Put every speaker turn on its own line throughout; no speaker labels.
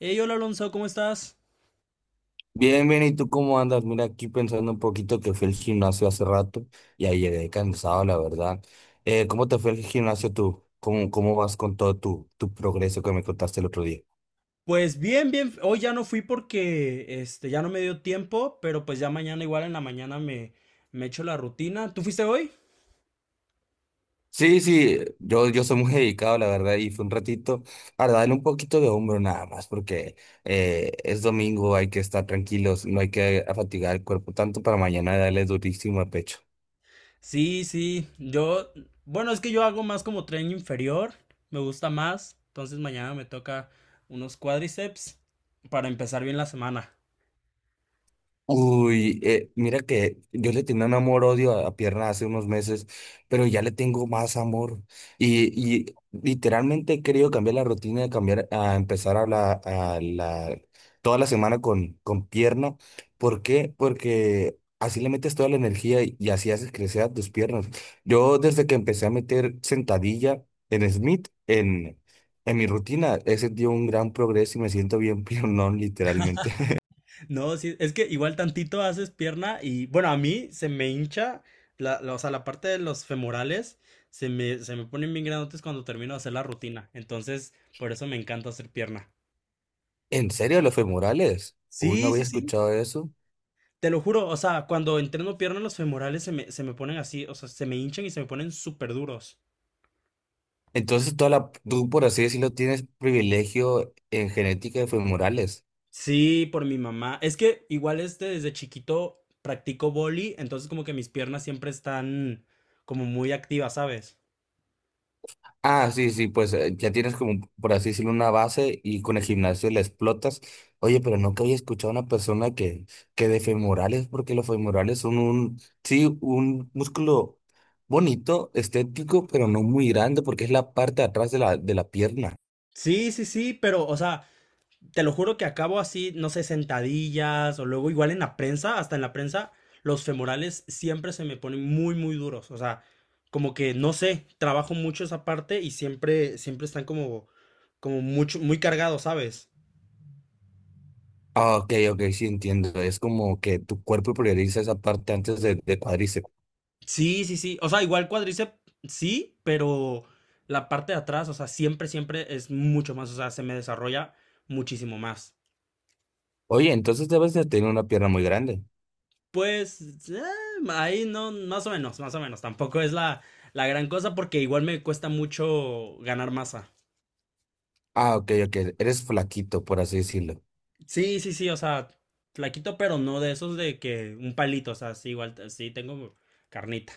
Hey, hola Alonso, ¿cómo estás?
Bien, bien, ¿y tú cómo andas? Mira, aquí pensando un poquito que fui al gimnasio hace rato y ahí llegué cansado, la verdad. ¿Cómo te fue el gimnasio tú? ¿Cómo vas con todo tu progreso que me contaste el otro día?
Pues bien, bien. Hoy ya no fui porque ya no me dio tiempo, pero pues ya mañana igual en la mañana me echo la rutina. ¿Tú fuiste hoy?
Sí, sí, yo soy muy dedicado, la verdad, y fue un ratito para darle un poquito de hombro nada más, porque es domingo, hay que estar tranquilos, no hay que fatigar el cuerpo tanto para mañana darle durísimo al pecho.
Sí, sí. Yo, bueno, es que yo hago más como tren inferior, me gusta más, entonces mañana me toca unos cuádriceps para empezar bien la semana.
Uy, mira que yo le tenía un amor-odio a pierna hace unos meses, pero ya le tengo más amor. Y literalmente he querido cambiar la rutina, de cambiar, a empezar toda la semana con pierna. ¿Por qué? Porque así le metes toda la energía y así haces crecer a tus piernas. Yo desde que empecé a meter sentadilla en Smith, en mi rutina, he sentido un gran progreso y me siento bien piernón, literalmente.
No, sí, es que igual tantito haces pierna y, bueno, a mí se me hincha, o sea, la parte de los femorales se me ponen bien grandotes cuando termino de hacer la rutina. Entonces, por eso me encanta hacer pierna.
¿En serio los femorales? Uy, no
Sí,
había
sí, sí.
escuchado eso.
Te lo juro, o sea, cuando entreno pierna, los femorales se me ponen así, o sea, se me hinchan y se me ponen súper duros.
Entonces, tú, por así decirlo, tienes privilegio en genética de femorales.
Sí, por mi mamá. Es que igual desde chiquito practico boli, entonces como que mis piernas siempre están como muy activas, ¿sabes?
Ah, sí, sí, pues ya tienes como, por así decirlo, una base y con el gimnasio la explotas. Oye, pero nunca había escuchado a una persona que de femorales, porque los femorales son un, sí, un músculo bonito, estético, pero no muy grande, porque es la parte de atrás de la pierna.
Sí, sí, sí, pero, o sea, te lo juro que acabo así, no sé, sentadillas o luego igual en la prensa, hasta en la prensa, los femorales siempre se me ponen muy, muy duros. O sea, como que no sé, trabajo mucho esa parte y siempre están como, como mucho, muy cargados, ¿sabes?
Ah, ok, ok, sí entiendo. Es como que tu cuerpo prioriza esa parte antes de cuádriceps.
Sí, sí, sí. O sea, igual cuádriceps, sí, pero la parte de atrás, o sea, siempre es mucho más, o sea, se me desarrolla muchísimo más.
Oye, entonces debes de tener una pierna muy grande.
Pues eh, ahí no, más o menos. Tampoco es la gran cosa porque igual me cuesta mucho ganar masa.
Ah, ok, ok. Eres flaquito, por así decirlo.
Sí, sí, sí, o sea, flaquito, pero no de esos de que un palito, o sea, sí, igual, sí, tengo carnita.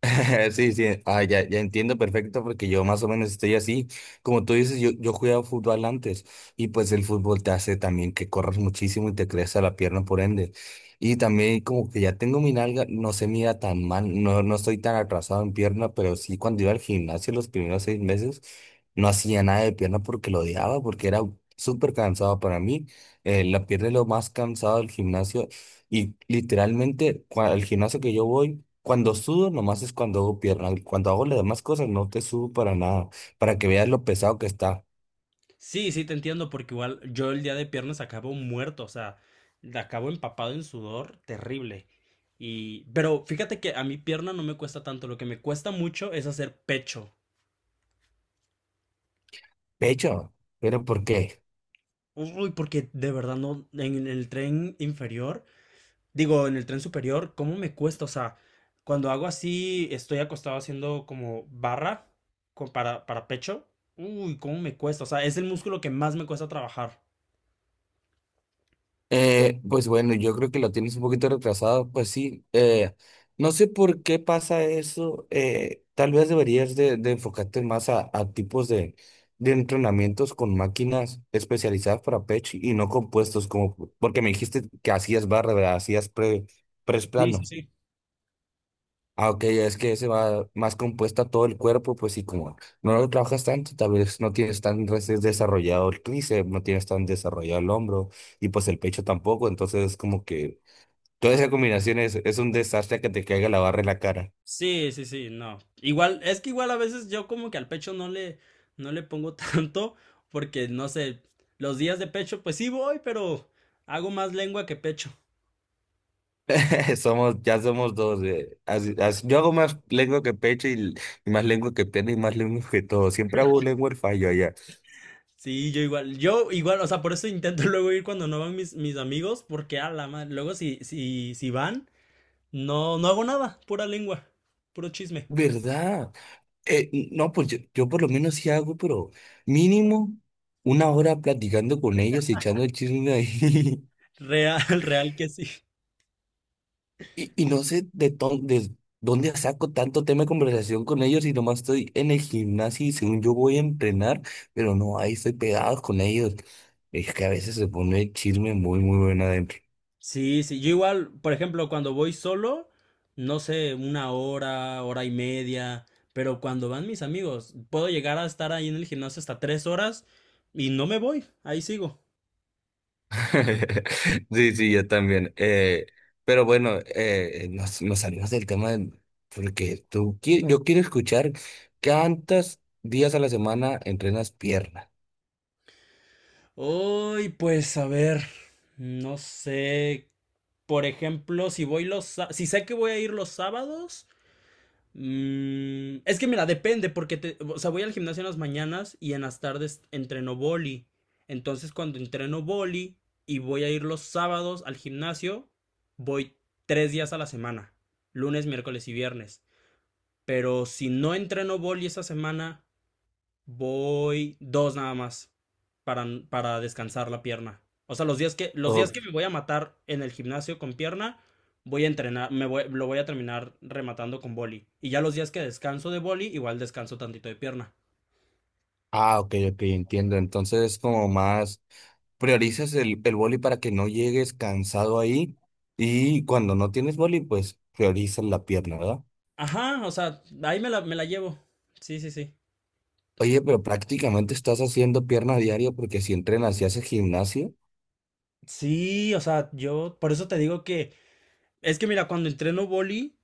Sí, sí. Ah, ya, ya entiendo perfecto porque yo más o menos estoy así. Como tú dices, yo jugaba fútbol antes y pues el fútbol te hace también que corras muchísimo y te crece la pierna por ende. Y también como que ya tengo mi nalga, no se mira tan mal, no, no estoy tan atrasado en pierna, pero sí cuando iba al gimnasio los primeros 6 meses. No hacía nada de pierna porque lo odiaba, porque era súper cansado para mí. La pierna es lo más cansado del gimnasio. Y literalmente, al gimnasio que yo voy, cuando sudo, nomás es cuando hago pierna. Cuando hago las demás cosas, no te subo para nada. Para que veas lo pesado que está.
Sí, sí, te entiendo porque igual yo el día de piernas acabo muerto, o sea, acabo empapado en sudor terrible. Y, pero fíjate que a mi pierna no me cuesta tanto, lo que me cuesta mucho es hacer pecho.
Pecho, ¿pero por qué?
Uy, porque de verdad no, en el tren inferior. Digo, en el tren superior, ¿cómo me cuesta? O sea, cuando hago así, estoy acostado haciendo como barra para, pecho. Uy, ¿cómo me cuesta? O sea, es el músculo que más me cuesta trabajar.
Pues bueno, yo creo que lo tienes un poquito retrasado, pues sí, no sé por qué pasa eso, tal vez deberías de enfocarte más a tipos de entrenamientos con máquinas especializadas para pecho y no compuestos, como porque me dijiste que hacías barra, ¿verdad? Hacías press
Sí, sí,
plano.
sí.
Ah, ok, es que se va más compuesta todo el cuerpo, pues sí, como no lo trabajas tanto, tal vez no tienes tan desarrollado el tríceps, no tienes tan desarrollado el hombro y pues el pecho tampoco, entonces como que toda esa combinación es un desastre que te caiga la barra en la cara.
Sí, sí, sí, no. Igual, es que igual a veces yo como que al pecho no le pongo tanto, porque no sé, los días de pecho, pues sí voy, pero hago más lengua que pecho.
Ya somos dos, yo hago más lengua que pecho y, más lengua que pierna y más lengua que todo, siempre hago lengua el fallo allá.
Sí, yo igual, o sea, por eso intento luego ir cuando no van mis amigos, porque a la madre, luego si van. No, no hago nada, pura lengua, puro chisme.
¿Verdad? No, pues yo por lo menos sí hago, pero mínimo una hora platicando con ellos y echando el chisme ahí.
Real, real que sí.
Y no sé de dónde saco tanto tema de conversación con ellos y nomás estoy en el gimnasio y según yo voy a entrenar, pero no, ahí estoy pegado con ellos. Es que a veces se pone el chisme muy, muy bueno adentro.
Sí, sí, yo igual, por ejemplo, cuando voy solo, no sé, una hora, hora y media, pero cuando van mis amigos, puedo llegar a estar ahí en el gimnasio hasta tres horas y no me voy, ahí sigo.
Sí, sí, yo también. Pero bueno, nos salimos del tema porque yo quiero escuchar cuántos días a la semana entrenas pierna.
Uy, pues a ver, no sé, por ejemplo, si sé que voy a ir los sábados. Mm, es que mira, depende, porque o sea, voy al gimnasio en las mañanas y en las tardes entreno boli. Entonces, cuando entreno boli y voy a ir los sábados al gimnasio, voy tres días a la semana, lunes, miércoles y viernes. Pero si no entreno boli esa semana, voy dos nada más para, descansar la pierna. O sea, los
O-
días que me voy a matar en el gimnasio con pierna, me voy, lo voy a terminar rematando con boli. Y ya los días que descanso de boli, igual descanso tantito de pierna.
ah, ok, ok, entiendo. Entonces, como más priorizas el boli para que no llegues cansado ahí y cuando no tienes boli, pues priorizas la pierna, ¿verdad?
Ajá, o sea, ahí me la llevo. Sí, sí, sí.
Oye, pero prácticamente estás haciendo pierna a diario porque si entrenas y haces gimnasio.
Sí, o sea, yo por eso te digo que es que mira, cuando entreno boli,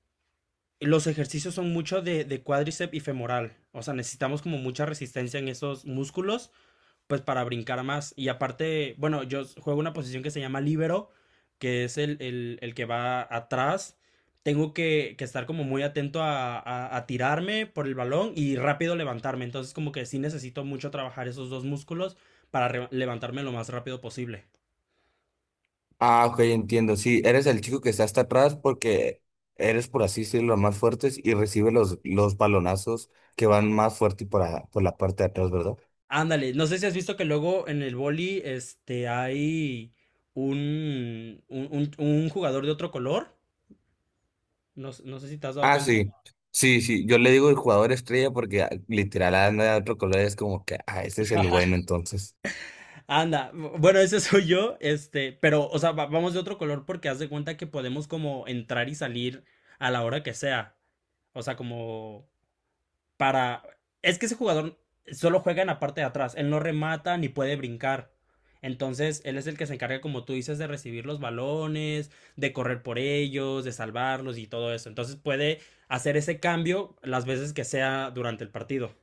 los ejercicios son mucho de, cuádriceps y femoral. O sea, necesitamos como mucha resistencia en esos músculos pues para brincar más. Y aparte, bueno, yo juego una posición que se llama libero, que es el que va atrás. Tengo que estar como muy atento a tirarme por el balón y rápido levantarme. Entonces como que sí necesito mucho trabajar esos dos músculos para levantarme lo más rápido posible.
Ah, ok, entiendo. Sí, eres el chico que está hasta atrás porque eres, por así decirlo, los más fuertes y recibe los balonazos que van más fuerte por la parte de atrás, ¿verdad?
Ándale, no sé si has visto que luego en el boli hay un jugador de otro color. No, no sé si te has dado
Ah,
cuenta.
sí. Sí, sí. Yo le digo el jugador estrella porque ah, literal anda de otro color. Es como que, ah, este es el bueno, entonces.
Anda, bueno, ese soy yo, este, pero, o sea, vamos de otro color porque haz de cuenta que podemos como entrar y salir a la hora que sea. O sea, como para, es que ese jugador solo juega en la parte de atrás, él no remata ni puede brincar. Entonces, él es el que se encarga, como tú dices, de recibir los balones, de correr por ellos, de salvarlos y todo eso. Entonces, puede hacer ese cambio las veces que sea durante el partido.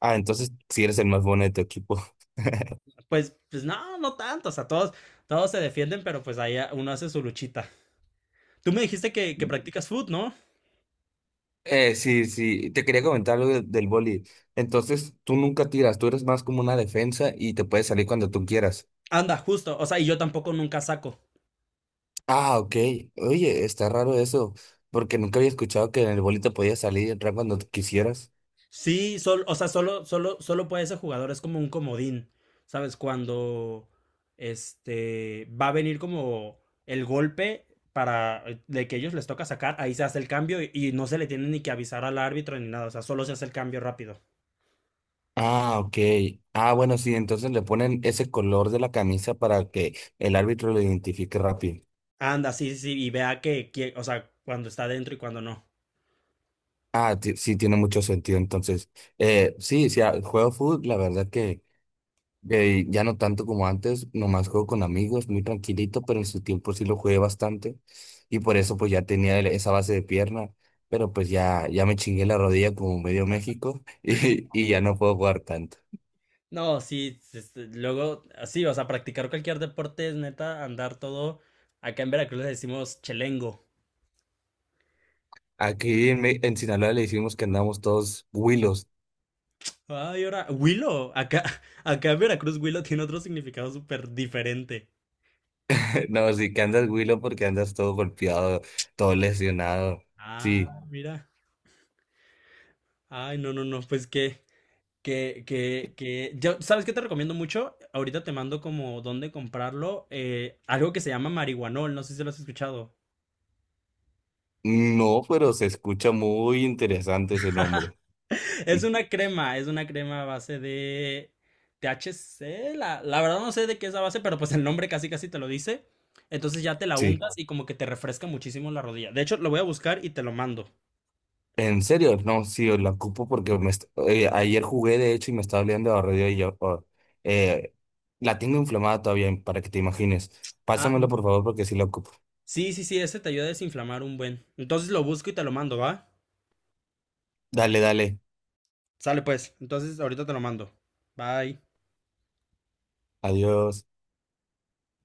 Ah, entonces sí eres el más bueno de tu equipo.
Pues, pues no, no tanto, o sea, todos se defienden, pero pues ahí uno hace su luchita. Tú me dijiste que, practicas food, ¿no?
Sí, sí, te quería comentar algo del boli. Entonces, tú nunca tiras, tú eres más como una defensa y te puedes salir cuando tú quieras.
Anda, justo. O sea, y yo tampoco nunca saco.
Ah, ok. Oye, está raro eso, porque nunca había escuchado que en el bolito podías salir y entrar cuando tú quisieras.
Sí, o sea, solo puede ese jugador, es como un comodín. ¿Sabes? Cuando va a venir como el golpe para de que ellos les toca sacar, ahí se hace el cambio y no se le tiene ni que avisar al árbitro ni nada. O sea, solo se hace el cambio rápido.
Ah, ok. Ah, bueno, sí, entonces le ponen ese color de la camisa para que el árbitro lo identifique rápido.
Anda, sí, sí, sí, y vea que, o sea, cuando está dentro y cuando no.
Ah, sí, tiene mucho sentido. Entonces, sí, sí, ah, juego fútbol, la verdad que ya no tanto como antes, nomás juego con amigos, muy tranquilito, pero en su tiempo sí lo jugué bastante y por eso pues ya tenía esa base de pierna, pero pues ya, ya me chingué la rodilla como medio México y ya no puedo jugar tanto.
No, sí, luego, así, o sea, practicar cualquier deporte es neta, andar todo. Acá en Veracruz le decimos chelengo.
Aquí en Sinaloa le decimos que andamos todos huilos,
Ay, ahora, Huilo, acá, acá en Veracruz Huilo tiene otro significado súper diferente.
no, sí que andas huilo porque andas todo golpeado, todo lesionado, sí.
Ah, mira. Ay, no, no, no, pues yo, ¿sabes qué te recomiendo mucho? Ahorita te mando como dónde comprarlo, algo que se llama marihuanol, no sé si lo has escuchado.
No, pero se escucha muy interesante ese nombre,
Es una crema a base de THC. La verdad no sé de qué es la base, pero pues el nombre casi casi te lo dice. Entonces ya te la
sí.
untas y como que te refresca muchísimo la rodilla. De hecho, lo voy a buscar y te lo mando.
En serio, no, sí, la ocupo porque ayer jugué de hecho y me estaba oliendo a radio y yo oh, eh, la tengo inflamada todavía para que te imagines.
Ah,
Pásamelo por favor porque sí la ocupo.
sí, sí, sí, ese te ayuda a desinflamar un buen. Entonces lo busco y te lo mando, ¿va?
Dale, dale.
Sale pues. Entonces ahorita te lo mando. Bye.
Adiós.